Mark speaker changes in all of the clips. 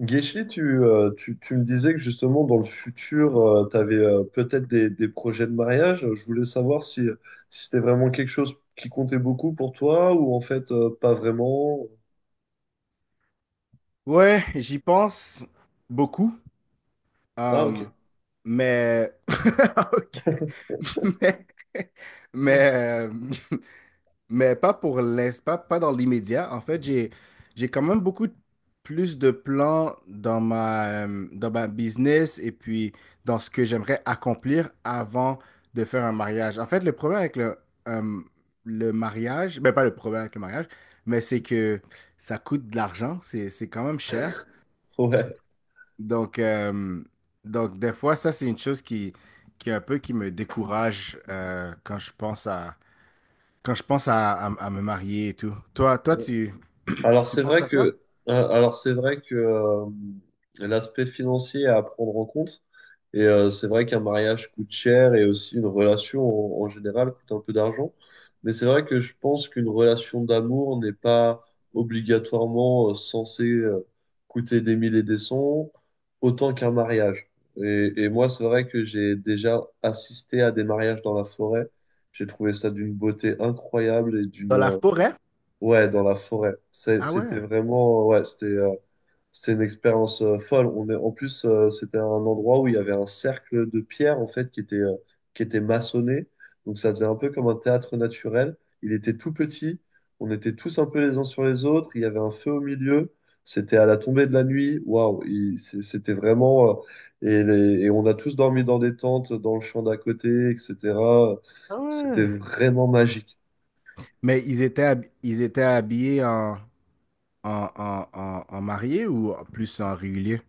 Speaker 1: Guéchi, tu me disais que justement dans le futur, tu avais peut-être des projets de mariage. Je voulais savoir si c'était vraiment quelque chose qui comptait beaucoup pour toi ou en fait pas vraiment.
Speaker 2: Ouais, j'y pense beaucoup,
Speaker 1: Ah
Speaker 2: euh,
Speaker 1: ok.
Speaker 2: mais... ok. Mais, mais, euh, mais pas pour l'instant, pas dans l'immédiat. En fait, j'ai quand même beaucoup plus de plans dans ma business et puis dans ce que j'aimerais accomplir avant de faire un mariage. En fait, le problème avec euh, le mariage, ben pas le problème avec le mariage, mais c'est que ça coûte de l'argent, c'est quand même cher.
Speaker 1: Ouais.
Speaker 2: Donc, euh, donc, des fois, ça, c'est une chose qui est un peu qui me décourage quand je pense à, à me marier et tout. Toi, toi, tu,
Speaker 1: Alors
Speaker 2: tu
Speaker 1: c'est
Speaker 2: penses
Speaker 1: vrai
Speaker 2: à ça?
Speaker 1: que, alors c'est vrai que l'aspect financier est à prendre en compte. Et c'est vrai qu'un mariage coûte cher et aussi une relation en général coûte un peu d'argent. Mais c'est vrai que je pense qu'une relation d'amour n'est pas obligatoirement censée coûter des mille et des cents autant qu'un mariage. Et moi, c'est vrai que j'ai déjà assisté à des mariages dans la forêt. J'ai trouvé ça d'une beauté incroyable et d'une
Speaker 2: Dans la forêt?
Speaker 1: ouais, dans la forêt.
Speaker 2: Ah
Speaker 1: C'était
Speaker 2: ouais.
Speaker 1: vraiment, ouais, c'était c'était une expérience folle. On est, en plus, c'était un endroit où il y avait un cercle de pierre en fait qui était maçonné. Donc ça faisait un peu comme un théâtre naturel. Il était tout petit. On était tous un peu les uns sur les autres. Il y avait un feu au milieu. C'était à la tombée de la nuit. Waouh, c'était vraiment. Et on a tous dormi dans des tentes, dans le champ d'à côté, etc.
Speaker 2: Ah
Speaker 1: C'était
Speaker 2: ouais.
Speaker 1: vraiment magique.
Speaker 2: Mais ils étaient habillés en mariés ou en plus en régulier?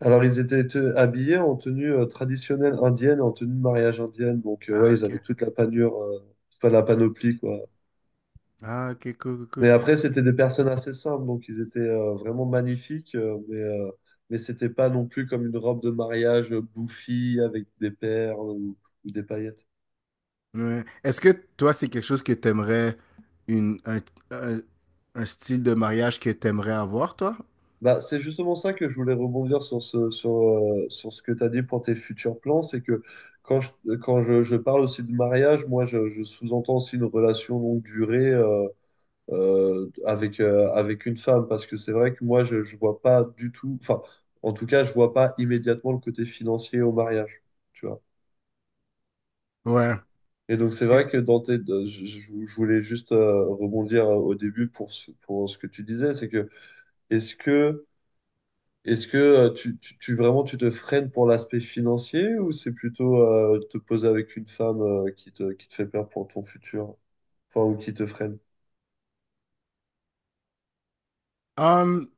Speaker 1: Alors, ils étaient habillés en tenue traditionnelle indienne, en tenue de mariage indienne. Donc, ouais,
Speaker 2: Ah,
Speaker 1: ils avaient
Speaker 2: ok.
Speaker 1: toute la panure, la panoplie, quoi.
Speaker 2: Ah, ok, cool, cool,
Speaker 1: Mais
Speaker 2: cool.
Speaker 1: après, c'était des personnes assez simples. Donc, ils étaient vraiment magnifiques. Mais c'était pas non plus comme une robe de mariage bouffie avec des perles ou des paillettes.
Speaker 2: Ouais. Est-ce que toi, c'est quelque chose que t'aimerais, une, un, un, un style de mariage que t'aimerais avoir, toi?
Speaker 1: Bah, c'est justement ça que je voulais rebondir sur sur ce que tu as dit pour tes futurs plans. C'est que quand je, quand je parle aussi de mariage, je sous-entends aussi une relation longue durée, avec une femme, parce que c'est vrai que moi, je ne vois pas du tout, enfin, en tout cas, je vois pas immédiatement le côté financier au mariage, tu vois.
Speaker 2: Ouais.
Speaker 1: Et donc, c'est vrai que dans tes, de- je voulais juste rebondir au début pour pour ce que tu disais, c'est que est-ce que, est-ce que vraiment tu te freines pour l'aspect financier ou c'est plutôt te poser avec une femme qui te fait peur pour ton futur, enfin, ou qui te freine?
Speaker 2: Hum,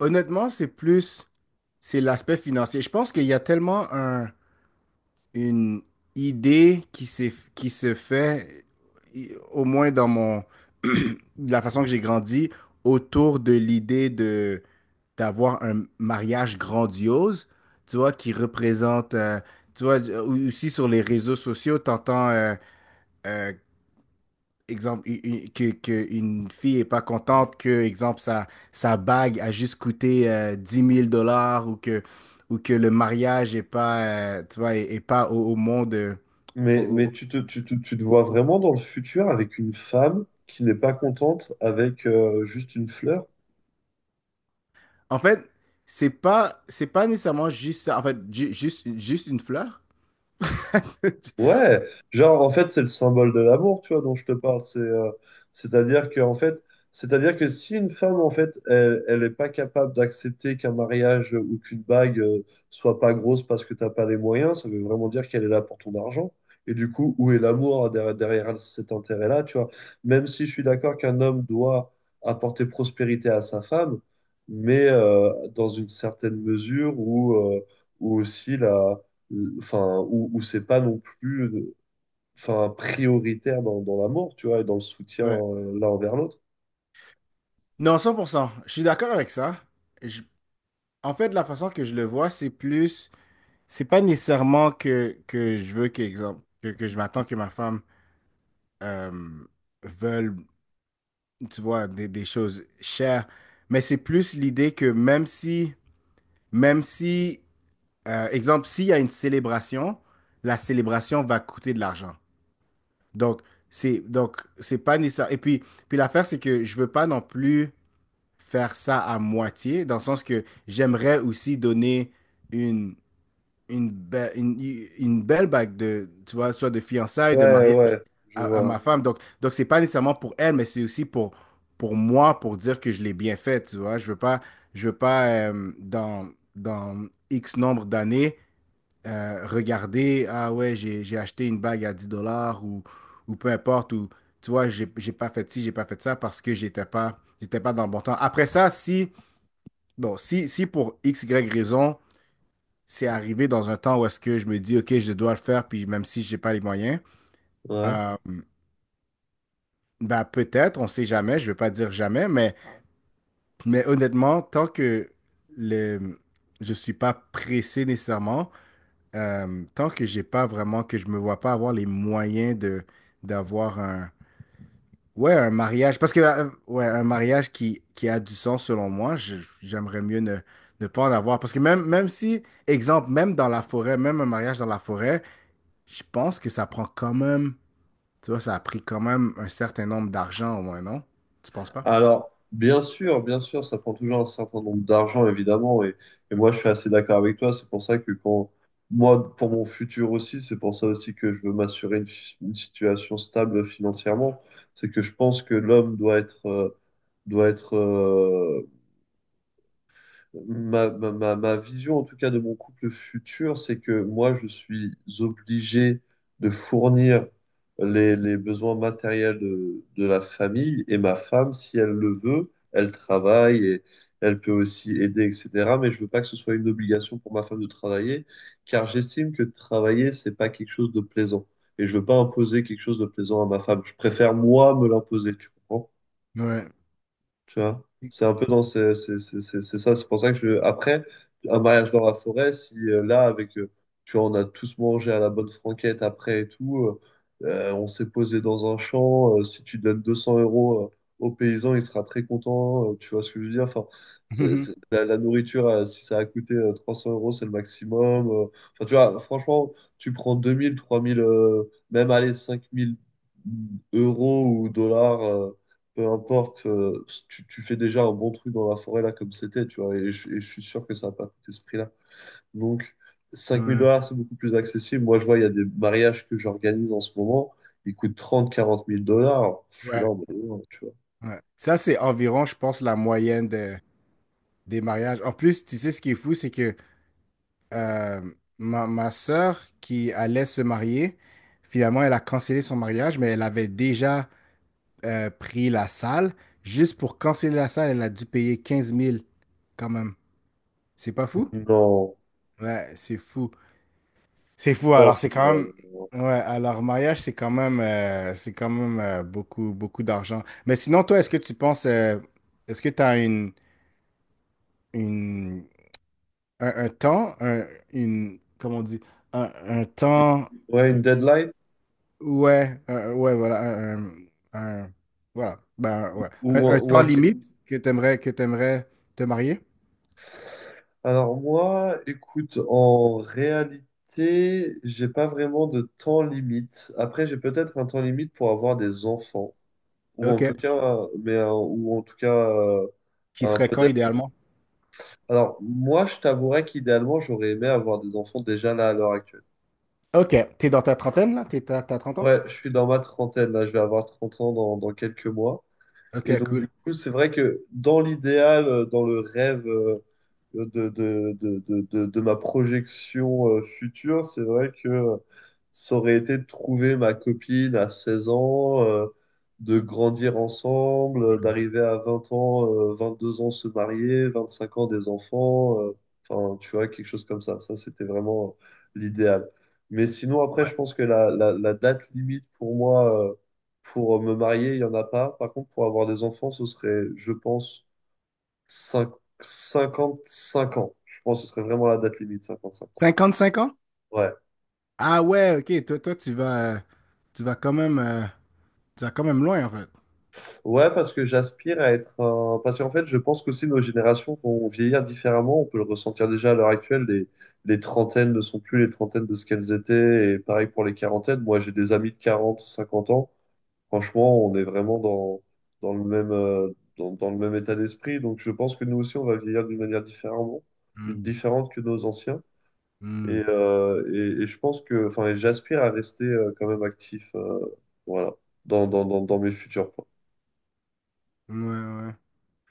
Speaker 2: honnêtement, c'est l'aspect financier. Je pense qu'il y a tellement une idée qui se fait, au moins dans mon, la façon que j'ai grandi, autour de l'idée de d'avoir un mariage grandiose, tu vois, qui représente, tu vois, aussi sur les réseaux sociaux, t'entends euh, exemple, que une fille est pas contente que, exemple, sa bague a juste coûté 10 000 dollars ou que le mariage est pas, tu vois, est pas au monde. Au-
Speaker 1: Mais,
Speaker 2: au-
Speaker 1: mais
Speaker 2: au-
Speaker 1: tu te, tu, te- tu te vois vraiment dans le futur avec une femme qui n'est pas contente avec juste une fleur?
Speaker 2: En fait, c'est pas nécessairement juste ça. En fait, juste une fleur.
Speaker 1: Ouais, genre en fait c'est le symbole de l'amour, tu vois, dont je te parle. C'est-à-dire que en fait, C'est-à-dire que si une femme en fait, elle est pas capable d'accepter qu'un mariage ou qu'une bague soit pas grosse parce que t'as pas les moyens, ça veut vraiment dire qu'elle est là pour ton argent. Et du coup, où est l'amour hein, derrière cet intérêt-là, tu vois? Même si je suis d'accord qu'un homme doit apporter prospérité à sa femme, mais dans une certaine mesure où ou aussi là enfin, où, où c'est pas non plus prioritaire dans l'amour, tu vois, et dans le soutien
Speaker 2: Ouais.
Speaker 1: l'un envers l'autre.
Speaker 2: Non, 100%, je suis d'accord avec ça. Je- En fait, la façon que je le vois, c'est pas nécessairement que je veux que, exemple, que je m'attends que ma femme euh, veulent, tu vois, des choses chères. Mais c'est plus l'idée que même si, exemple, s'il y a une célébration, la célébration va coûter de l'argent. Donc, donc, c'est pas nécessaire. Et puis, l'affaire, c'est que je veux pas non plus faire ça à moitié, dans le sens que j'aimerais aussi donner une, une, belle une, une belle bague de, tu vois, soit de fiançailles, de
Speaker 1: Ouais,
Speaker 2: mariage
Speaker 1: ouais, je
Speaker 2: à
Speaker 1: vois.
Speaker 2: ma femme. Donc, c'est pas nécessairement pour elle, mais c'est aussi pour moi, pour dire que je l'ai bien fait, tu vois. Je veux pas dans X nombre d'années regarder, ah ouais, j'ai acheté une bague à 10 dollars ou peu importe, ou tu vois, j'ai pas fait ci, j'ai pas fait ça parce que j'étais pas dans le bon temps. Après ça, si, bon, si, pour X, Y raison, c'est arrivé dans un temps où est-ce que je me dis, OK, je dois le faire, puis même si j'ai pas les moyens,
Speaker 1: Ouais.
Speaker 2: euh, ben peut-être, on sait jamais, je vais pas dire jamais, mais honnêtement, tant que le, je suis pas pressé nécessairement, tant que j'ai pas vraiment, que je me vois pas avoir les moyens de d'avoir ouais, un mariage, parce que, ouais, un mariage qui a du sens selon moi, j'aimerais mieux ne pas en avoir, parce que même si, exemple, même dans la forêt, même un mariage dans la forêt, je pense que ça prend quand même, tu vois, ça a pris quand même un certain nombre d'argent au moins, non? Tu penses pas?
Speaker 1: Alors, bien sûr, ça prend toujours un certain nombre d'argent, évidemment, et moi, je suis assez d'accord avec toi. C'est pour ça que quand, moi, pour mon futur aussi, c'est pour ça aussi que je veux m'assurer une situation stable financièrement. C'est que je pense que l'homme doit être euh, ma vision, en tout cas, de mon couple futur, c'est que moi, je suis obligé de fournir les besoins matériels de la famille et ma femme, si elle le veut, elle travaille et elle peut aussi aider, etc. Mais je veux pas que ce soit une obligation pour ma femme de travailler, car j'estime que travailler, c'est pas quelque chose de plaisant. Et je veux pas imposer quelque chose de plaisant à ma femme. Je préfère, moi, me l'imposer, tu comprends?
Speaker 2: Ouais.
Speaker 1: Tu vois, c'est un peu dans ce- c'est ça. C'est pour ça que je. Après, un mariage dans la forêt, si là, avec. Tu vois, on a tous mangé à la bonne franquette après et tout. On s'est posé dans un champ. Si tu donnes 200 euros au paysan, il sera très content. Tu vois ce que je veux dire? Enfin, la nourriture, si ça a coûté 300 euros, c'est le maximum. Enfin, tu vois, franchement, tu prends 2000, 3000, même allez, 5000 euros ou dollars. Peu importe, tu fais déjà un bon truc dans la forêt là comme c'était, tu vois, et je suis sûr que ça n'a pas coûté ce prix-là. Donc cinq mille
Speaker 2: Ouais.
Speaker 1: dollars, c'est beaucoup plus accessible. Moi, je vois, il y a des mariages que j'organise en ce moment, ils coûtent 30, $40,000. Je suis là
Speaker 2: Ouais.
Speaker 1: en mode, non, tu vois.
Speaker 2: Ouais. Ça, c'est environ, je pense, la moyenne des mariages. En plus, tu sais, ce qui est fou, c'est que euh, ma sœur qui allait se marier, finalement, elle a cancellé son mariage, mais elle avait déjà pris la salle. Juste pour canceller la salle, elle a dû payer 15 000, quand même. C'est pas fou?
Speaker 1: Non.
Speaker 2: Ouais, c'est fou. C'est fou.
Speaker 1: Oh,
Speaker 2: Alors, c'est quand
Speaker 1: non,
Speaker 2: même.
Speaker 1: non.
Speaker 2: Ouais, alors, mariage, c'est quand même beaucoup, beaucoup d'argent. Mais sinon, toi, est-ce que tu penses. Est-ce que tu as une, un temps, un, une. Comment on dit? Un, un temps.
Speaker 1: Ouais, une deadline
Speaker 2: Ouais, ouais, voilà. Un, un- un- voilà. Ben, ouais.
Speaker 1: ou,
Speaker 2: Un,
Speaker 1: un-
Speaker 2: un
Speaker 1: ou
Speaker 2: temps
Speaker 1: un... ca-
Speaker 2: limite que tu aimerais, que tu te marier?
Speaker 1: alors moi, écoute, en réalité, j'ai pas vraiment de temps limite. Après, j'ai peut-être un temps limite pour avoir des enfants.
Speaker 2: OK.
Speaker 1: Ou en tout cas,
Speaker 2: Qui serait quand,
Speaker 1: peut-être.
Speaker 2: idéalement?
Speaker 1: Alors, moi, je t'avouerais qu'idéalement, j'aurais aimé avoir des enfants déjà là à l'heure actuelle.
Speaker 2: OK. T'es dans ta trentaine, là? Tu t'as 30 ans?
Speaker 1: Ouais, je suis dans ma trentaine, là, je vais avoir 30 ans dans quelques mois. Et
Speaker 2: OK,
Speaker 1: donc,
Speaker 2: cool.
Speaker 1: du coup, c'est vrai que dans l'idéal, dans le rêve de ma projection future, c'est vrai que ça aurait été de trouver ma copine à 16 ans, de grandir ensemble, d'arriver à 20 ans, 2 ans se marier, 25 ans des enfants, enfin, tu vois, quelque chose comme ça. Ça, c'était vraiment l'idéal. Mais sinon, après,
Speaker 2: Ouais.
Speaker 1: je pense que la date limite pour moi pour me marier, il n'y en a pas. Par contre, pour avoir des enfants, ce serait, je pense, 5, 55 ans. Je pense que ce serait vraiment la date limite, 55 ans.
Speaker 2: Cinquante, cinq ans?
Speaker 1: Ouais.
Speaker 2: Ah ouais, ok, toi, tu vas quand même, euh, tu vas quand même loin en fait.
Speaker 1: Ouais, parce que j'aspire à être un... Parce qu'en fait, je pense qu'aussi nos générations vont vieillir différemment. On peut le ressentir déjà à l'heure actuelle. Les trentaines ne sont plus les trentaines de ce qu'elles étaient. Et pareil pour les quarantaines. Moi, j'ai des amis de 40, 50 ans. Franchement, on est vraiment dans le même, dans le même état d'esprit. Donc, je pense que nous aussi, on va vieillir d'une manière différemment,
Speaker 2: Hmm,
Speaker 1: différente que nos anciens. Et,
Speaker 2: hmm.
Speaker 1: euh, et je pense que, enfin, et j'aspire à rester quand même actif, voilà, dans mes futurs plans.
Speaker 2: Ouais, ouais.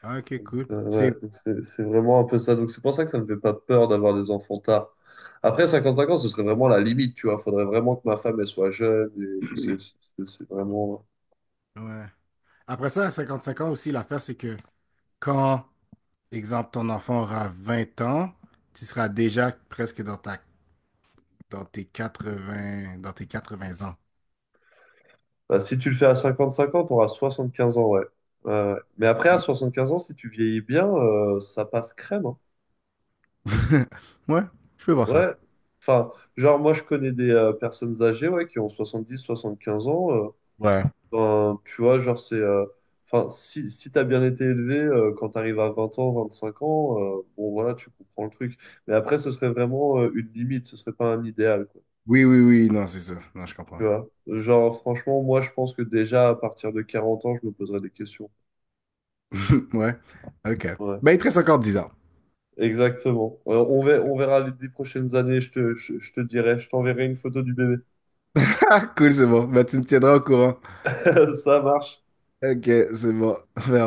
Speaker 2: Ah, Ok,
Speaker 1: Donc,
Speaker 2: cool.
Speaker 1: c'est ouais, c'est vraiment un peu ça. Donc, c'est pour ça que ça me fait pas peur d'avoir des enfants tard. Après 55 ans, ce serait vraiment la limite, tu vois. Faudrait vraiment que ma femme, elle soit jeune et que c'est vraiment.
Speaker 2: Ouais. Après ça, à 55 ans aussi, l'affaire, c'est que quand, exemple, ton enfant aura 20 ans, tu seras déjà presque dans tes 80 ans.
Speaker 1: Bah, si tu le fais à 55 ans, tu auras 15 ans, ouais. Ouais, ouais. Mais après, à 75 ans, si tu vieillis bien, ça passe crème. Hein.
Speaker 2: Ouais, je peux voir ça.
Speaker 1: Ouais. Enfin, genre, moi, je connais des personnes âgées ouais, qui ont soixante 75 ans.
Speaker 2: Ouais.
Speaker 1: Tu vois, genre, c'est. Enfin, si, si t'as bien été élevé, quand t'arrives à 20 ans, 25 ans, bon, voilà, tu comprends le truc. Mais après, ce serait vraiment une limite, ce serait pas un idéal, quoi.
Speaker 2: Oui, oui, oui, non, c'est ça. Non, je comprends.
Speaker 1: Tu vois? Genre, franchement, moi, je pense que déjà, à partir de 40 ans, je me poserais des questions.
Speaker 2: Ouais, ok.
Speaker 1: Ouais.
Speaker 2: Ben, il te reste encore 10 ans.
Speaker 1: Exactement. On verra, on verra les 10 prochaines années, je te dirai, je t'enverrai une photo du bébé.
Speaker 2: Cool, c'est bon. Ben, tu me tiendras au courant.
Speaker 1: Ça marche.
Speaker 2: Ok, c'est bon.